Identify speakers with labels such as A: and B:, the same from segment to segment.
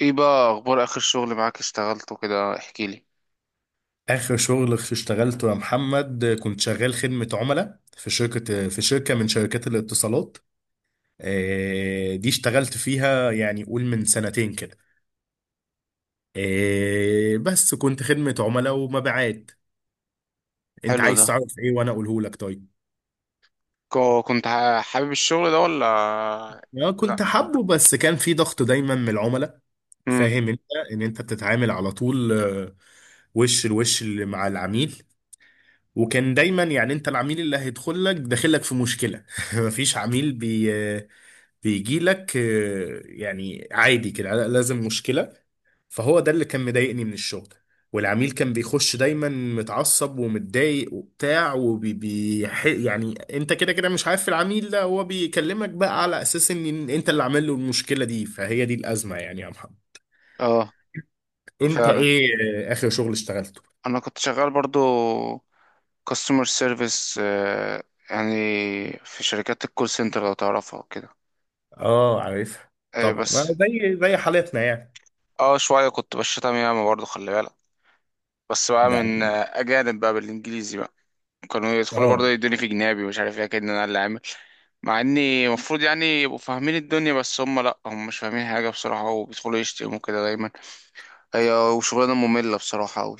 A: ايه بقى اخبار اخر شغل معاك اشتغلته كده؟ احكي لي.
B: اخر شغل اشتغلته يا محمد، كنت شغال خدمة عملاء في شركة من شركات الاتصالات. دي اشتغلت فيها يعني قول من سنتين كده. بس كنت خدمة عملاء ومبيعات. انت
A: حلو ده.
B: عايز تعرف ايه وانا اقوله لك؟ طيب.
A: كنت حابب الشغل ده ولا؟ لا.
B: كنت حابه، بس كان في ضغط دايما من العملاء.
A: امم.
B: فاهم انت؟ ان انت بتتعامل على طول وش الوش اللي مع العميل. وكان دايما يعني انت العميل اللي هيدخل لك داخل لك في مشكله. مفيش عميل بي آه، بيجي لك يعني عادي كده، لازم مشكلة. فهو ده اللي كان مضايقني من الشغل. والعميل كان بيخش دايما متعصب ومتضايق وبتاع يعني انت كده كده مش عارف، العميل ده هو بيكلمك بقى على اساس ان انت اللي عامل له المشكلة دي. فهي دي الأزمة يعني يا محمد.
A: اه
B: انت
A: فعلا.
B: ايه؟ آخر شغل اشتغلته.
A: انا كنت شغال برضو كاستمر سيرفيس، يعني في شركات الكول سنتر لو تعرفها وكده.
B: اه، عارفها. طبعا
A: بس.
B: ما زي حالتنا يعني.
A: اه، شويه كنت بشتم ياما برضو، خلي بالك. بس بقى
B: ده
A: من
B: اكيد.
A: اجانب بقى، بالانجليزي بقى. كانوا يدخلوا برضو
B: اه،
A: يدوني في جنابي، مش عارف ايه كده انا اللي عامل. مع اني المفروض يعني يبقوا فاهمين الدنيا، بس هم، لا، هم مش فاهمين حاجه بصراحه، وبيدخلوا يشتموا كده دايما. هي وشغلانه ممله بصراحه قوي.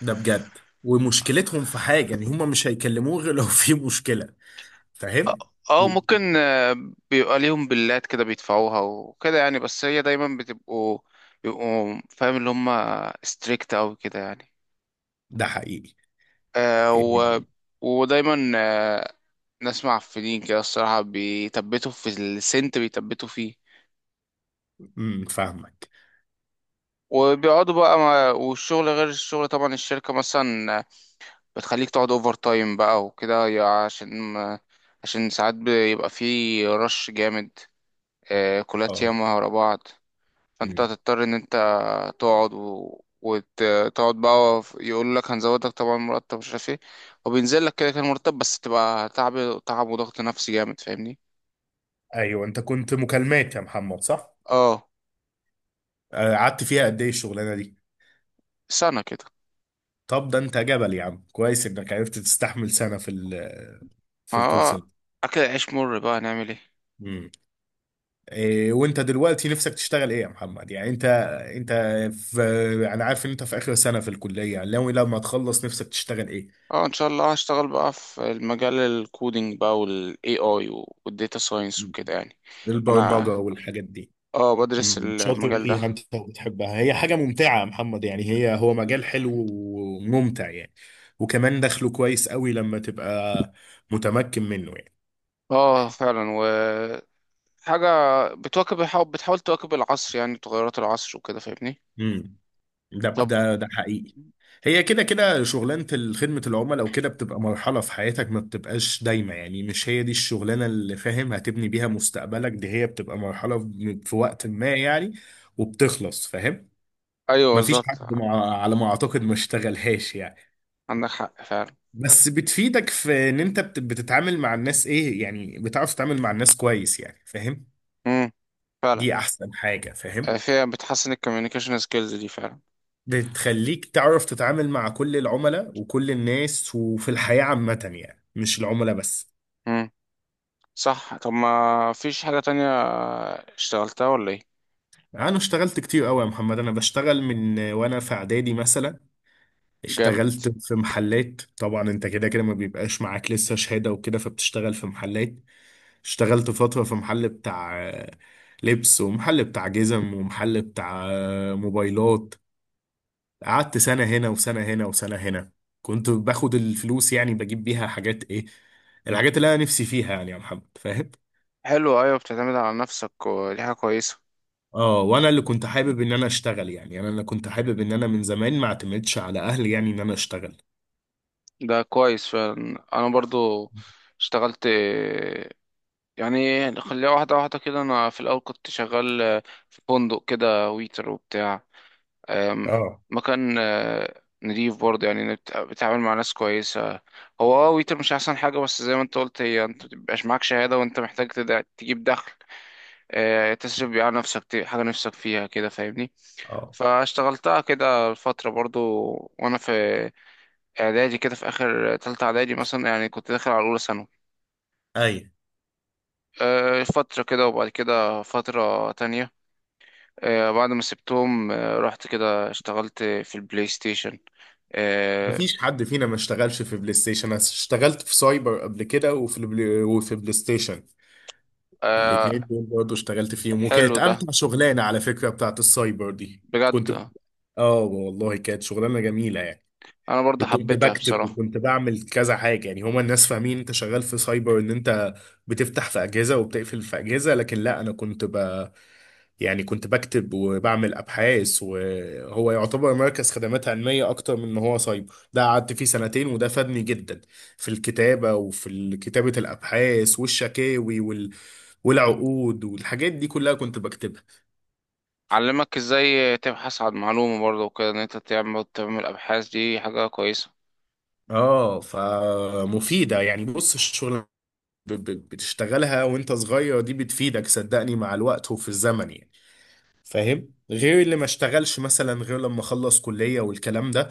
B: ده بجد. ومشكلتهم في حاجة، ان هم مش هيكلموه غير لو في مشكلة. فاهم.
A: اه ممكن. بيبقى ليهم بلات كده بيدفعوها وكده يعني، بس هي دايما بتبقوا، بيبقوا فاهم، اللي هم ستريكت اوي كده يعني.
B: ده حقيقي.
A: آه و...
B: إيه.
A: ودايما نسمع في دين كده الصراحة، بيثبتوا في السنت، بيثبتوا فيه.
B: فاهمك.
A: وبيقعدوا بقى والشغل غير الشغل طبعا، الشركة مثلا بتخليك تقعد اوفر تايم بقى وكده، عشان ساعات بيبقى في رش جامد، كلات
B: اه.
A: ياما ورا بعض. فانت
B: امم.
A: هتضطر ان انت تقعد وتقعد بقى، يقول لك هنزودك طبعا مرتب، مش عارف ايه، وبينزل لك كده كان مرتب، بس تبقى تعب وضغط نفسي جامد، فاهمني؟
B: ايوه، انت كنت مكالمات يا محمد، صح؟
A: اه،
B: قعدت فيها قد ايه الشغلانه دي؟
A: سنة كده.
B: طب ده انت جبل يا عم، كويس انك عرفت تستحمل سنه في الكول
A: اه،
B: سنتر.
A: اكل العيش مر بقى، هنعمل ايه؟
B: امم. إيه وانت دلوقتي نفسك تشتغل ايه يا محمد؟ يعني انت في، انا عارف ان انت في اخر سنه في الكليه، يعني لو لما تخلص نفسك تشتغل ايه؟
A: اه ان شاء الله، هشتغل بقى في المجال الكودينج بقى، والاي اي والديتا ساينس وكده يعني.
B: البرمجه
A: انا.
B: والحاجات دي.
A: اه بدرس
B: مم. شاطر
A: المجال ده.
B: فيها انت وبتحبها، هي حاجة ممتعة يا محمد، يعني هي هو مجال حلو وممتع يعني. وكمان دخله كويس قوي لما تبقى متمكن منه يعني.
A: اه فعلا، وحاجة بتواكب بتحاول تواكب العصر، يعني تغيرات العصر وكده، فاهمني.
B: امم. ده
A: طب.
B: ده ده حقيقي. هي كده كده شغلانة خدمة العملاء وكده بتبقى مرحلة في حياتك، ما بتبقاش دايمة يعني، مش هي دي الشغلانة اللي فاهم هتبني بيها مستقبلك، دي هي بتبقى مرحلة في وقت ما يعني. وبتخلص، فاهم.
A: ايوه
B: مفيش
A: بالظبط.
B: حد على ما اعتقد ما اشتغلهاش يعني.
A: عندك حق فعلا.
B: بس بتفيدك في ان انت بتتعامل مع الناس، ايه يعني بتعرف تتعامل مع الناس كويس يعني، فاهم.
A: امم. فعلا.
B: دي احسن حاجة، فاهم.
A: فيها بتحسن الكوميونيكيشن سكيلز دي فعلا.
B: بتخليك تعرف تتعامل مع كل العملاء وكل الناس وفي الحياة عامة يعني، مش العملاء بس.
A: امم. صح، طب ما فيش حاجة تانية اشتغلتها ولا ايه؟
B: انا اشتغلت كتير قوي يا محمد، انا بشتغل من وانا في اعدادي مثلا.
A: جامد.
B: اشتغلت في محلات، طبعا انت كده كده ما بيبقاش معاك لسه شهادة وكده فبتشتغل في محلات. اشتغلت فترة في محل بتاع لبس، ومحل بتاع جزم، ومحل بتاع موبايلات. قعدت سنة هنا وسنة هنا وسنة هنا. كنت باخد الفلوس يعني بجيب بيها حاجات، ايه؟ الحاجات اللي انا نفسي فيها يعني يا محمد، فاهم.
A: حلو، ايوه، بتعتمد على نفسك ودي حاجة كويسة.
B: اه، وانا اللي كنت حابب ان انا اشتغل يعني انا اللي كنت حابب ان انا من زمان ما اعتمدش على اهلي يعني ان انا اشتغل.
A: ده كويس فعلا، انا برضو اشتغلت يعني، خليها واحدة واحدة كده، أنا في الأول كنت شغال. في فندق كده، ويتر وبتاع. آم،
B: اه.
A: مكان نضيف برضه، يعني بتعامل مع ناس كويسة. هو ويتر مش أحسن حاجة، بس زي ما أنت قلت، هي أنت مبيبقاش معاك شهادة وأنت محتاج تجيب دخل، تصرف بيه على نفسك حاجة نفسك فيها كده، فاهمني.
B: اه.
A: فاشتغلتها كده فترة برضه. وأنا في إعدادي كده، في آخر تالتة إعدادي مثلا، يعني كنت داخل على أولى ثانوي.
B: اي،
A: فترة كده وبعد كده فترة تانية. بعد ما سبتهم رحت كده اشتغلت في البلاي ستيشن. آه،
B: مفيش حد فينا ما اشتغلش في بلاي ستيشن، انا اشتغلت في سايبر قبل كده وفي البلاي وفي بلاي ستيشن.
A: آه،
B: الاتنين دول برضه اشتغلت فيهم،
A: حلو
B: وكانت
A: ده
B: امتع شغلانه على فكره بتاعت السايبر دي. كنت
A: بجد.
B: ب- اه والله كانت شغلانه جميله يعني.
A: انا برضه
B: وكنت
A: حبيتها
B: بكتب
A: بصراحة.
B: وكنت بعمل كذا حاجه، يعني هما الناس فاهمين انت شغال في سايبر ان انت بتفتح في اجهزه وبتقفل في اجهزه، لكن لا، انا كنت ب يعني كنت بكتب وبعمل ابحاث، وهو يعتبر مركز خدمات علميه اكتر من ان هو سايبر، ده قعدت فيه سنتين وده فادني جدا. في الكتابه وفي كتابه الابحاث والشكاوي والعقود والحاجات دي كلها كنت بكتبها.
A: علمك ازاي تبحث عن معلومة برضه وكده، ان انت تعمل ابحاث، دي حاجة كويسة.
B: اه، فمفيدة يعني. بص الشغل بتشتغلها وانت صغير دي بتفيدك صدقني مع الوقت وفي الزمن يعني. فاهم، غير اللي ما اشتغلش مثلا غير لما خلص كلية والكلام ده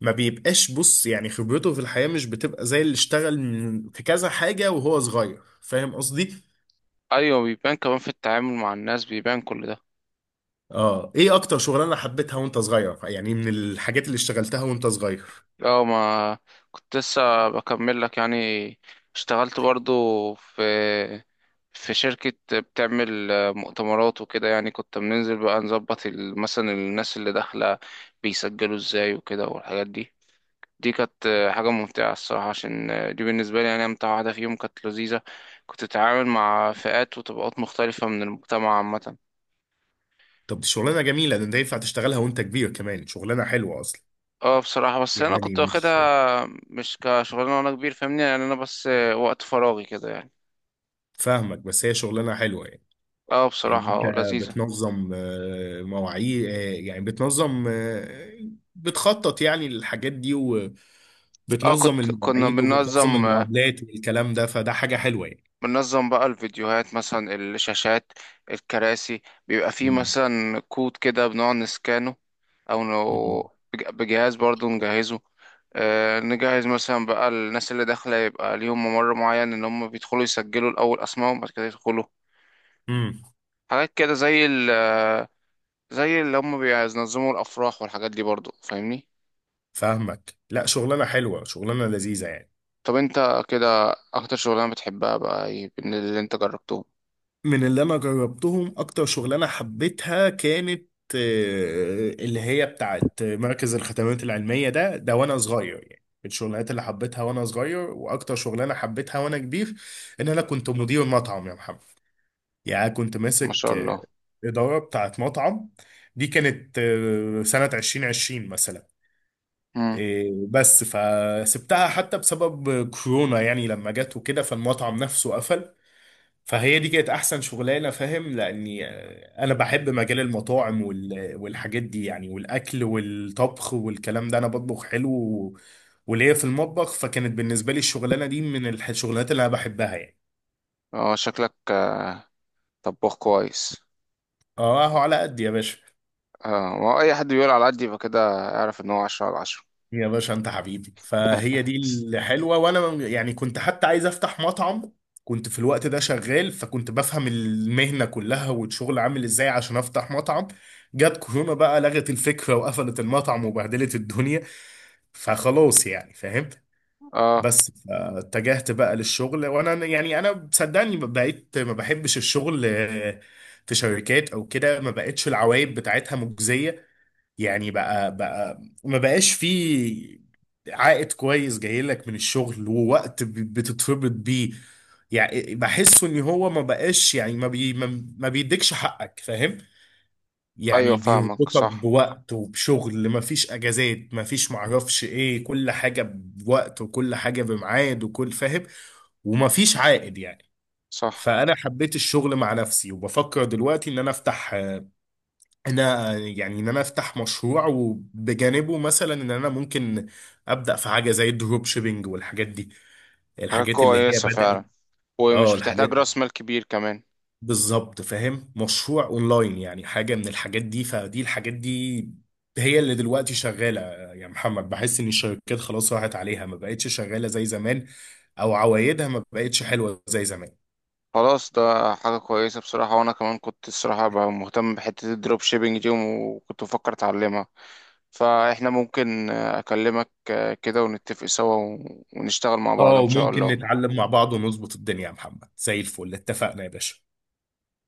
B: ما بيبقاش، بص يعني خبرته في الحياة مش بتبقى زي اللي اشتغل في كذا حاجة وهو صغير، فاهم قصدي.
A: ايوه، بيبان كمان في التعامل مع الناس، بيبان كل ده.
B: اه، ايه اكتر شغلانة حبيتها وانت صغير؟ يعني من الحاجات اللي اشتغلتها وانت صغير.
A: اه، ما كنت لسه بكمل لك يعني، اشتغلت برضو في في شركة بتعمل مؤتمرات وكده، يعني كنت بننزل بقى نظبط مثلا الناس اللي داخلة بيسجلوا ازاي وكده، والحاجات دي. دي كانت حاجة ممتعة الصراحة، عشان دي بالنسبة لي يعني أمتع واحدة فيهم، كانت لذيذة. كنت بتتعامل مع فئات وطبقات مختلفة من المجتمع عامة.
B: طب دي شغلانه جميله، ده انت ينفع تشتغلها وانت كبير كمان، شغلانه حلوه اصلا.
A: اه بصراحة، بس أنا
B: يعني
A: كنت
B: مش
A: واخدها مش كشغلانة وأنا كبير، فاهمني، يعني أنا بس وقت فراغي كده يعني.
B: فاهمك، بس هي شغلانه حلوه يعني.
A: اه
B: يعني
A: بصراحة،
B: انت
A: اه لذيذة.
B: بتنظم مواعيد يعني بتنظم آه، بتخطط يعني للحاجات دي وبتنظم
A: اه، كنا
B: المواعيد وبتنظم المقابلات والكلام ده فده حاجه حلوه يعني.
A: بننظم بقى الفيديوهات مثلا، الشاشات، الكراسي. بيبقى فيه
B: امم
A: مثلا كود كده، بنقعد نسكانه، او بجهاز برضو نجهزه. نجهز مثلا بقى، الناس اللي داخلة يبقى ليهم ممر معين، ان هم بيدخلوا يسجلوا الاول اسمائهم بعد كده يدخلوا.
B: امم
A: حاجات كده، زي ال آه، زي اللي هم بينظموا الافراح والحاجات دي برضو، فاهمني.
B: فاهمك، لا شغلانه حلوه، شغلانه لذيذه يعني.
A: طب انت كده، اكتر شغلانة بتحبها بقى ايه من اللي انت جربته؟
B: من اللي انا جربتهم اكتر شغلانه حبيتها كانت اللي هي بتاعت مركز الخدمات العلميه، ده وانا صغير يعني من الشغلانات اللي حبيتها وانا صغير، واكتر شغلانه حبيتها وانا كبير ان انا كنت مدير مطعم يا محمد. يعني كنت
A: ما
B: ماسك
A: شاء الله.
B: اداره بتاعت مطعم. دي كانت سنه 2020 مثلا.
A: امم.
B: بس فسبتها حتى بسبب كورونا، يعني لما جت وكده فالمطعم نفسه قفل. فهي دي كانت احسن شغلانه، فاهم، لاني انا بحب مجال المطاعم والحاجات دي يعني، والاكل والطبخ والكلام ده، انا بطبخ حلو وليا في المطبخ، فكانت بالنسبه لي الشغلانه دي من الشغلانات اللي انا بحبها يعني.
A: اه، شكلك طباخ كويس.
B: اه على قد يا باشا.
A: اه، ما هو اي حد بيقول على قد يبقى كده اعرف ان هو 10/10.
B: يا باشا انت حبيبي، فهي دي الحلوه، وانا يعني كنت حتى عايز افتح مطعم. كنت في الوقت ده شغال، فكنت بفهم المهنه كلها والشغل عامل ازاي عشان افتح مطعم. جت كورونا بقى، لغت الفكره وقفلت المطعم وبهدلت الدنيا. فخلاص يعني، فاهم.
A: اه
B: بس اتجهت بقى للشغل، وانا يعني انا صدقني بقيت ما بحبش الشغل في شركات او كده، ما بقتش العوايد بتاعتها مجزيه. يعني بقى ما بقاش في عائد كويس جاي لك من الشغل ووقت بتتربط بيه. يعني بحسه ان هو ما بقاش يعني، ما بي ما ما بيديكش حقك، فاهم.
A: ايوه،
B: يعني
A: فاهمك،
B: بيربطك
A: صح.
B: بوقت وبشغل، ما فيش اجازات، ما فيش معرفش ايه، كل حاجة بوقت وكل حاجة بميعاد وكل، فاهم. وما فيش عائد يعني.
A: صح.
B: فانا حبيت الشغل مع نفسي، وبفكر دلوقتي ان انا افتح، انا يعني ان انا افتح مشروع، وبجانبه مثلا ان انا ممكن ابدا في حاجه زي الدروب شيبينج والحاجات دي،
A: حاجة
B: الحاجات اللي هي
A: كويسة
B: بدات.
A: فعلا،
B: اه،
A: ومش بتحتاج
B: الحاجات
A: راس مال كبير كمان.
B: بالظبط، فاهم، مشروع اونلاين يعني، حاجه من الحاجات دي، فدي الحاجات دي هي اللي دلوقتي شغاله. يا محمد، بحس ان الشركات خلاص راحت عليها، ما بقتش شغاله زي زمان، او عوايدها ما بقتش حلوه زي زمان.
A: خلاص، ده حاجة كويسة بصراحة، وانا كمان كنت الصراحة بقى مهتم بحتة الدروب شيبينج دي، وكنت بفكر اتعلمها. فاحنا ممكن اكلمك كده، ونتفق سوا، ونشتغل مع بعض
B: اه،
A: ان شاء
B: وممكن
A: الله.
B: نتعلم مع بعض ونظبط الدنيا يا محمد، زي الفل، اتفقنا يا باشا.